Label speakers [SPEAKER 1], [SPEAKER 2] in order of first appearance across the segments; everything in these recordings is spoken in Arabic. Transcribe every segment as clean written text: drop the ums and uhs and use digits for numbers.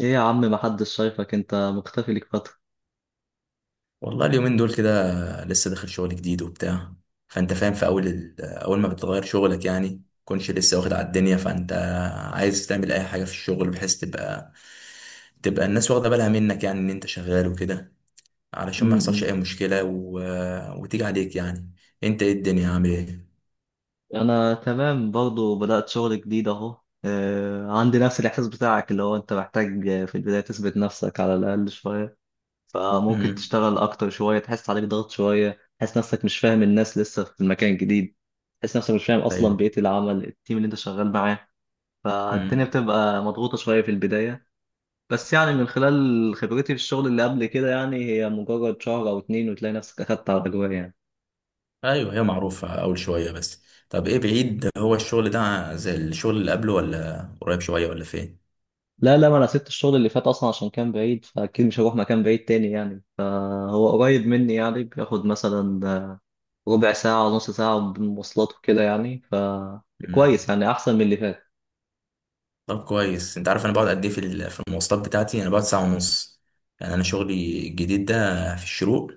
[SPEAKER 1] ايه يا عم محدش شايفك، انت مختفي ليك فترة.
[SPEAKER 2] والله اليومين دول كده لسه داخل شغل جديد وبتاع، فانت فاهم في اول ما بتغير شغلك يعني كنتش لسه واخد على الدنيا، فانت عايز تعمل اي حاجه في الشغل بحيث تبقى الناس واخده بالها منك، يعني ان انت شغال وكده علشان ما يحصلش
[SPEAKER 1] م-م.
[SPEAKER 2] اي مشكله. وتيجي عليك يعني انت ايه الدنيا عامل ايه؟
[SPEAKER 1] انا تمام برضو، بدأت شغل جديد اهو. عندي نفس الاحساس بتاعك، اللي هو انت محتاج في البداية تثبت نفسك على الاقل شوية. فممكن
[SPEAKER 2] امم.
[SPEAKER 1] تشتغل اكتر شوية، تحس عليك ضغط شوية، تحس نفسك مش فاهم الناس لسه في المكان الجديد، تحس نفسك مش فاهم اصلا
[SPEAKER 2] ايوه.
[SPEAKER 1] بيئة العمل، التيم اللي انت شغال معاه. فالدنيا
[SPEAKER 2] امم.
[SPEAKER 1] بتبقى مضغوطة شوية في البداية. بس يعني من خلال خبرتي في الشغل اللي قبل كده، يعني هي مجرد شهر او اتنين وتلاقي نفسك اخدت على الاجواء يعني.
[SPEAKER 2] ايوه، هي معروفه اول شويه بس. طب ايه، بعيد هو الشغل ده زي الشغل اللي قبله ولا قريب شويه ولا
[SPEAKER 1] لا لا، ما انا سبت الشغل اللي فات اصلا عشان كان بعيد، فاكيد مش هروح مكان بعيد تاني يعني. فهو قريب مني، يعني بياخد مثلا ربع ساعة نص ساعة بالمواصلات وكده يعني. فكويس
[SPEAKER 2] فين؟
[SPEAKER 1] يعني، احسن من اللي فات.
[SPEAKER 2] طب كويس، انت عارف انا بقعد قد ايه في المواصلات بتاعتي؟ انا بقعد ساعه ونص، يعني انا شغلي الجديد ده في الشروق.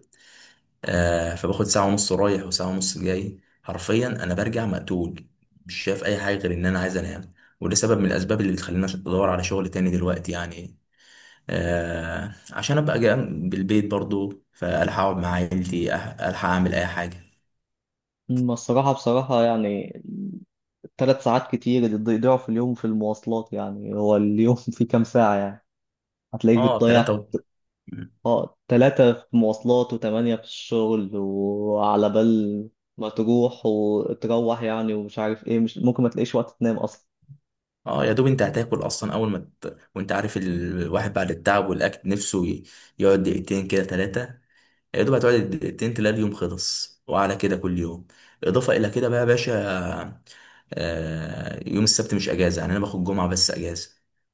[SPEAKER 2] فباخد ساعه ونص رايح وساعه ونص جاي، حرفيا انا برجع مقتول، مش شايف اي حاجه غير ان انا عايز انام. وده سبب من الاسباب اللي بتخليني ادور على شغل تاني دلوقتي يعني، عشان ابقى جنب البيت برضو، فالحق اقعد مع عيلتي، الحق اعمل اي حاجه.
[SPEAKER 1] أما الصراحة بصراحة يعني، 3 ساعات كتير اللي بيضيعوا في اليوم في المواصلات، يعني هو اليوم فيه كام ساعة يعني؟ هتلاقيك
[SPEAKER 2] اه، تلاتة
[SPEAKER 1] بتضيع.
[SPEAKER 2] و...
[SPEAKER 1] اه 3 في مواصلات وثمانية في الشغل، وعلى بال ما تروح وتروح يعني، ومش عارف ايه، مش ممكن ما تلاقيش وقت تنام اصلا.
[SPEAKER 2] اه، يا دوب انت هتاكل اصلا اول ما وانت عارف الواحد بعد التعب والاكل نفسه يقعد دقيقتين كده، ثلاثه. يا دوب هتقعد دقيقتين تلاقي اليوم خلص، وعلى كده كل يوم. اضافه الى كده بقى يا باشا، يوم السبت مش اجازه، يعني انا باخد جمعه بس اجازه،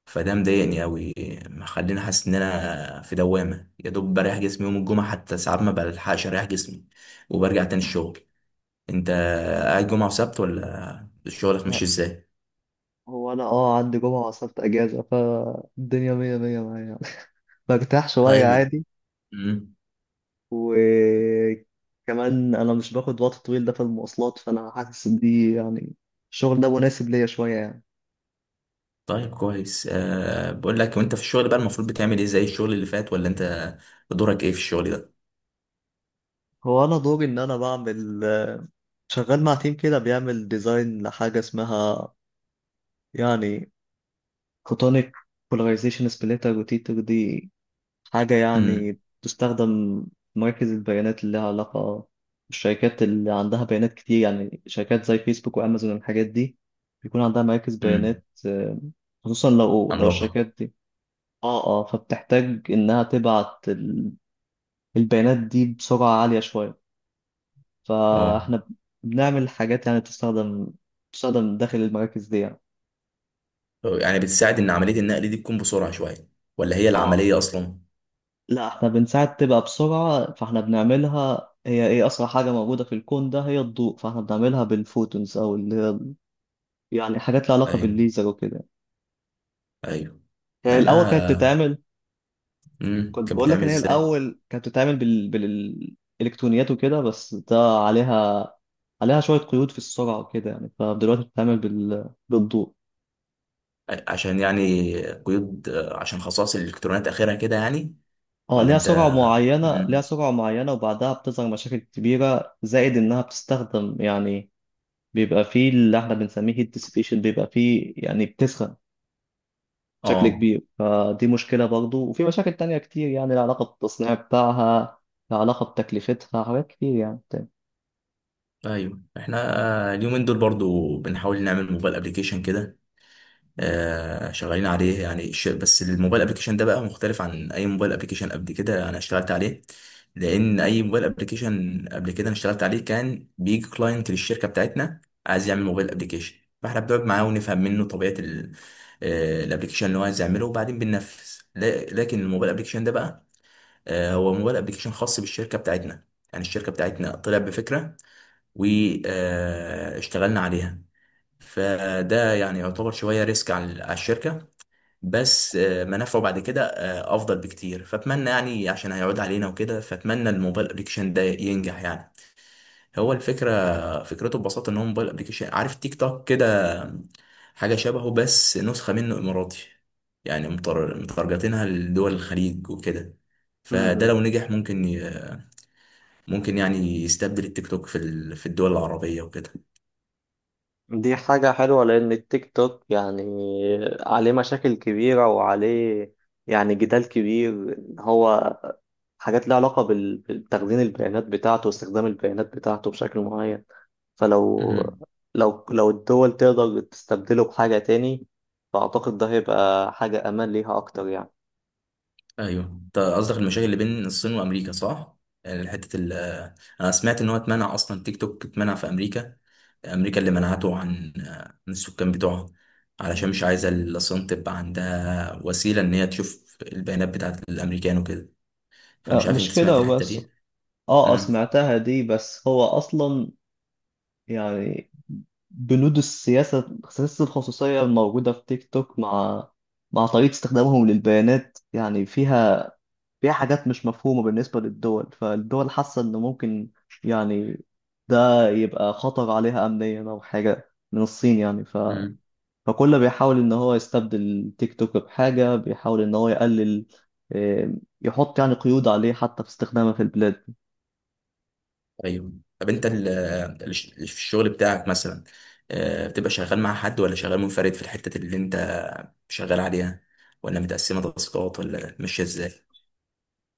[SPEAKER 2] فده مضايقني قوي، مخليني حاسس ان انا في دوامه، يا دوب بريح جسمي يوم الجمعه، حتى ساعات ما بلحقش اريح جسمي وبرجع تاني الشغل. انت قاعد جمعه وسبت ولا شغلك مش ازاي؟
[SPEAKER 1] هو انا اه عندي جمعة وسبت اجازة، فالدنيا مية مية معايا يعني. برتاح شوية
[SPEAKER 2] طيب.
[SPEAKER 1] عادي.
[SPEAKER 2] امم.
[SPEAKER 1] وكمان انا مش باخد وقت طويل ده في المواصلات، فانا حاسس ان دي يعني الشغل ده مناسب ليا شوية يعني.
[SPEAKER 2] طيب كويس. بقول لك، وانت في الشغل بقى المفروض بتعمل ايه زي الشغل اللي فات؟ ولا انت دورك ايه في الشغل ده؟
[SPEAKER 1] هو انا دوري ان انا بعمل، شغال مع تيم كده بيعمل ديزاين لحاجة اسمها يعني فوتونيك بولاريزيشن سبليتر روتيتر. دي حاجة
[SPEAKER 2] امم.
[SPEAKER 1] يعني تستخدم في مراكز البيانات اللي لها علاقة بالشركات اللي عندها بيانات كتير، يعني شركات زي فيسبوك وأمازون والحاجات دي، بيكون عندها مراكز
[SPEAKER 2] امم.
[SPEAKER 1] بيانات. خصوصا لو
[SPEAKER 2] عملاقة.
[SPEAKER 1] الشركات دي، اه اه، فبتحتاج إنها تبعت البيانات دي بسرعة عالية شوية.
[SPEAKER 2] اه.
[SPEAKER 1] فاحنا بنعمل حاجات يعني تستخدم داخل المراكز دي يعني.
[SPEAKER 2] يعني بتساعد ان عملية النقل دي تكون بسرعة شوية، ولا هي
[SPEAKER 1] اه
[SPEAKER 2] العملية اصلا؟
[SPEAKER 1] لا، احنا بنساعد تبقى بسرعة، فاحنا بنعملها، هي ايه أسرع حاجة موجودة في الكون ده؟ هي الضوء. فاحنا بنعملها بالفوتونز، أو اللي هي يعني حاجات لها علاقة
[SPEAKER 2] ايوه.
[SPEAKER 1] بالليزر وكده.
[SPEAKER 2] ايوه.
[SPEAKER 1] هي
[SPEAKER 2] لا
[SPEAKER 1] الأول كانت
[SPEAKER 2] انا.
[SPEAKER 1] بتتعمل، كنت
[SPEAKER 2] كانت
[SPEAKER 1] بقول لك
[SPEAKER 2] بتعمل
[SPEAKER 1] إن هي
[SPEAKER 2] ازاي؟
[SPEAKER 1] الأول كانت بتتعمل بالإلكترونيات وكده، بس ده عليها عليها شوية قيود في السرعة وكده يعني، فدلوقتي بتتعمل بالضوء.
[SPEAKER 2] عشان يعني قيود، عشان خصائص الالكترونات اخرها كده يعني.
[SPEAKER 1] اه
[SPEAKER 2] ولا
[SPEAKER 1] ليها
[SPEAKER 2] انت.
[SPEAKER 1] سرعة معينة، ليها
[SPEAKER 2] امم.
[SPEAKER 1] سرعة معينة وبعدها بتظهر مشاكل كبيرة. زائد إنها بتستخدم يعني، بيبقى فيه اللي احنا بنسميه هيت ديسيبيشن، بيبقى فيه يعني بتسخن بشكل
[SPEAKER 2] اه.
[SPEAKER 1] كبير، فدي مشكلة برضو. وفي مشاكل تانية كتير يعني، العلاقة بالتصنيع بتاعها، العلاقة بتكلفتها، حاجات كتير يعني تاني.
[SPEAKER 2] ايوه. احنا اليومين دول برضو بنحاول نعمل موبايل ابلكيشن كده، آه، شغالين عليه يعني بس الموبايل ابلكيشن ده بقى مختلف عن اي موبايل ابلكيشن قبل كده انا اشتغلت عليه، لان اي موبايل ابلكيشن قبل كده انا اشتغلت عليه كان بيجي كلاينت للشركه بتاعتنا عايز يعمل موبايل ابلكيشن، فاحنا بنقعد معاه ونفهم منه طبيعه الابلكيشن اللي هو عايز يعمله، وبعدين بننفذ. لكن الموبايل ابلكيشن ده بقى، هو موبايل ابلكيشن خاص بالشركه بتاعتنا، يعني الشركه بتاعتنا طلع بفكره واشتغلنا عليها. فده يعني يعتبر شويه ريسك على على الشركه، بس منافعه بعد كده افضل بكتير، فاتمنى يعني، عشان هيعود علينا وكده، فاتمنى الموبايل ابلكيشن ده ينجح يعني. هو الفكره، فكرته ببساطه، ان هو موبايل ابلكيشن، عارف تيك توك كده، حاجه شبهه، بس نسخه منه اماراتي، يعني مترجتينها لدول الخليج وكده. فده
[SPEAKER 1] م-م.
[SPEAKER 2] لو نجح ممكن ممكن يعني يستبدل التيك توك في في الدول العربيه وكده.
[SPEAKER 1] دي حاجة حلوة، لأن التيك توك يعني عليه مشاكل كبيرة، وعليه يعني جدال كبير إن هو حاجات لها علاقة بتخزين البيانات بتاعته واستخدام البيانات بتاعته بشكل معين. فلو لو الدول تقدر تستبدله بحاجة تاني، فأعتقد ده هيبقى حاجة أمان ليها أكتر يعني.
[SPEAKER 2] ايوه، انت قصدك المشاكل اللي بين الصين وامريكا، صح؟ يعني حته انا سمعت ان هو اتمنع، اصلا تيك توك اتمنع في امريكا، امريكا اللي منعته عن من السكان بتوعها، علشان مش عايزه الصين تبقى عندها وسيله ان هي تشوف البيانات بتاعت الامريكان وكده. فمش عارف انت
[SPEAKER 1] مش
[SPEAKER 2] سمعت
[SPEAKER 1] كده
[SPEAKER 2] الحته
[SPEAKER 1] وبس.
[SPEAKER 2] دي؟
[SPEAKER 1] اه
[SPEAKER 2] امم.
[SPEAKER 1] سمعتها دي، بس هو اصلا يعني بنود السياسة، سياسة الخصوصية الموجودة في تيك توك، مع طريقة استخدامهم للبيانات، يعني فيها حاجات مش مفهومة بالنسبة للدول. فالدول حاسة إن ممكن يعني ده يبقى خطر عليها أمنيا، أو حاجة من الصين يعني.
[SPEAKER 2] مم.
[SPEAKER 1] فكله بيحاول ان هو يستبدل تيك توك بحاجة، بيحاول ان هو يقلل آه، يحط يعني قيود عليه حتى في استخدامه في البلاد.
[SPEAKER 2] ايوه. طب انت في الشغل بتاعك مثلا، بتبقى شغال مع حد ولا شغال منفرد في الحته اللي انت شغال عليها؟ ولا متقسمه تاسكات ولا ماشيه ازاي؟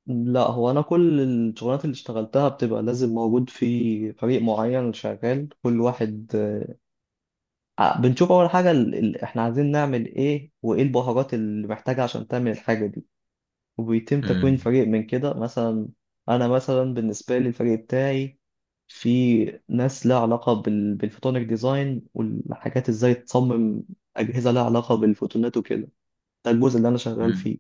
[SPEAKER 1] لا هو انا كل الشغلات اللي اشتغلتها بتبقى لازم موجود في فريق معين، شغال كل واحد. بنشوف اول حاجة احنا عايزين نعمل ايه، وايه البهارات اللي محتاجة عشان تعمل الحاجة دي، وبيتم تكوين
[SPEAKER 2] مم.
[SPEAKER 1] فريق من كده مثلا. أنا مثلا بالنسبة لي الفريق بتاعي، في ناس لها علاقة بالفوتونيك ديزاين والحاجات، ازاي تصمم أجهزة لها علاقة بالفوتونات وكده. ده الجزء اللي انا شغال
[SPEAKER 2] مم.
[SPEAKER 1] فيه.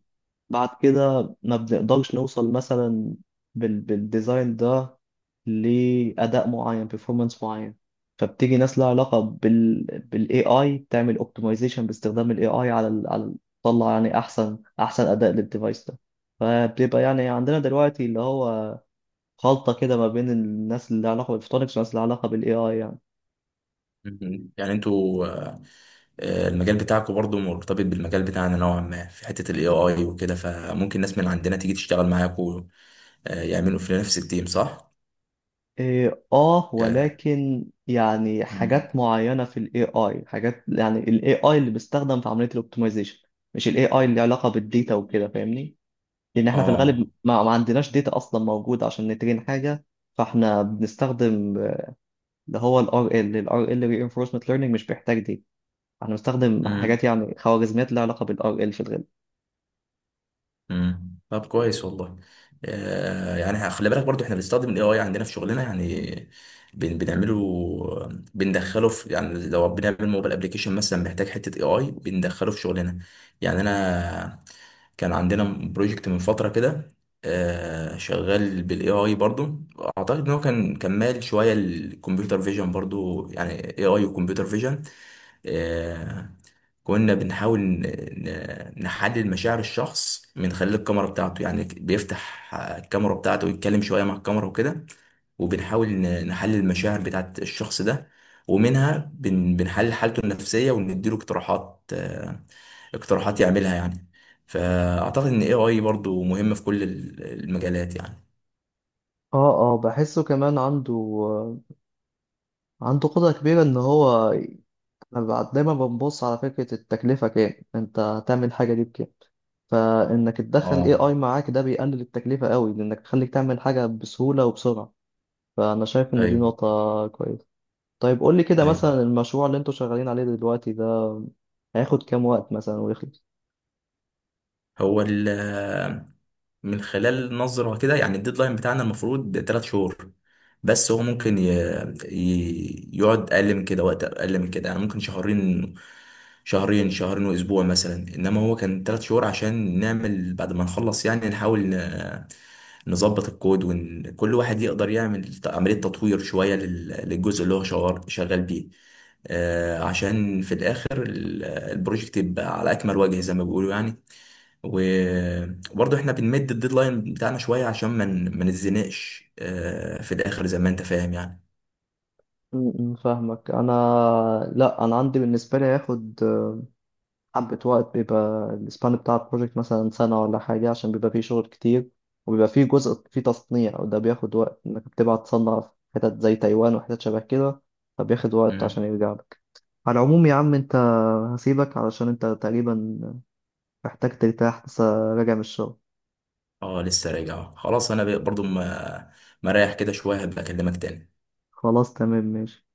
[SPEAKER 1] بعد كده ما بنقدرش نوصل مثلا بالديزاين ده لأداء معين، performance معين، فبتيجي ناس لها علاقة بال بالاي اي، تعمل optimization باستخدام الاي اي على على تطلع يعني احسن اداء للديفايس ده. فبيبقى يعني عندنا دلوقتي اللي هو خلطة كده ما بين الناس اللي لها علاقة بالفوتونكس والناس اللي لها علاقة بالاي اي يعني.
[SPEAKER 2] مم. يعني انتوا، المجال بتاعكم برضو مرتبط بالمجال بتاعنا نوعا ما في حتة الاي اي وكده، فممكن ناس من عندنا تيجي تشتغل معاكم، يعملوا في نفس التيم، صح؟
[SPEAKER 1] إيه، آه
[SPEAKER 2] ك...
[SPEAKER 1] ولكن يعني
[SPEAKER 2] مم.
[SPEAKER 1] حاجات معينة في ال AI، حاجات يعني ال AI اللي بيستخدم في عملية الاوبتمايزيشن، مش ال AI اللي علاقة بالديتا وكده، فاهمني؟ لأن احنا في
[SPEAKER 2] اه.
[SPEAKER 1] الغالب ما عندناش ديتا أصلا موجودة عشان نترين حاجة. فاحنا بنستخدم اللي هو الار ال RL ال RL Reinforcement Learning، مش بيحتاج ديتا. احنا بنستخدم
[SPEAKER 2] مم.
[SPEAKER 1] حاجات يعني خوارزميات لها علاقة بال RL في الغالب.
[SPEAKER 2] مم. طب كويس والله. يعني خلي بالك برضو احنا بنستخدم الاي اي عندنا في شغلنا يعني، بنعمله، بندخله في، يعني لو بنعمل موبايل ابلكيشن مثلا محتاج حته اي اي بندخله في شغلنا. يعني انا كان عندنا بروجكت من فتره كده، شغال بالاي اي برضو، اعتقد ان هو كان كمال شويه الكمبيوتر فيجن برضو يعني، اي اي وكمبيوتر فيجن. كنا بنحاول نحلل مشاعر الشخص من خلال الكاميرا بتاعته، يعني بيفتح الكاميرا بتاعته ويتكلم شوية مع الكاميرا وكده، وبنحاول نحلل المشاعر بتاعت الشخص ده، ومنها بنحلل حالته النفسية ونديله اقتراحات، اقتراحات يعملها يعني. فأعتقد إن AI برضو مهم في كل المجالات يعني.
[SPEAKER 1] اه اه بحسه كمان عنده قدرة كبيرة إن هو، دايما بنبص على فكرة التكلفة، كام انت هتعمل حاجة دي بكام. فانك تدخل
[SPEAKER 2] اه.
[SPEAKER 1] AI معاك ده بيقلل التكلفة قوي، لانك تخليك تعمل حاجة بسهولة وبسرعة. فانا شايف ان دي
[SPEAKER 2] ايوه.
[SPEAKER 1] نقطة كويسة. طيب قول لي كده،
[SPEAKER 2] ايوه.
[SPEAKER 1] مثلا المشروع اللي انتوا شغالين عليه دلوقتي ده هياخد كام وقت مثلا ويخلص؟
[SPEAKER 2] هو من خلال نظرة كده يعني، الديدلاين بتاعنا المفروض 3 شهور، بس هو ممكن يقعد أقل من كده، وقت أقل من كده، يعني ممكن شهرين، شهرين، وأسبوع مثلا، إنما هو كان 3 شهور عشان نعمل بعد ما نخلص يعني، نحاول نظبط الكود وكل واحد يقدر يعمل عملية تطوير شوية لل للجزء اللي هو شغال بيه، عشان في الآخر البروجكت يبقى على أكمل وجه زي ما بيقولوا يعني. و- وبرضه احنا بنمد الديدلاين بتاعنا شوية عشان ما ما نتزنقش في الآخر زي ما انت فاهم يعني.
[SPEAKER 1] م- م، فاهمك انا. لا انا عندي بالنسبة لي هياخد حبة وقت، بيبقى السبان بتاع البروجكت مثلا سنة ولا حاجة، عشان بيبقى فيه شغل كتير، وبيبقى فيه جزء فيه تصنيع وده بياخد وقت، إنك بتبعت تصنع في حتت زي تايوان وحتت شبه كده، فبياخد وقت
[SPEAKER 2] مم.
[SPEAKER 1] عشان يرجع لك. على العموم يا عم أنت، هسيبك علشان أنت تقريبا محتاج ترتاح، لسه راجع من الشغل.
[SPEAKER 2] اه، لسه راجع. خلاص انا برضه ما مريح كده شوية، هبقى اكلمك تاني.
[SPEAKER 1] خلاص تمام ماشي.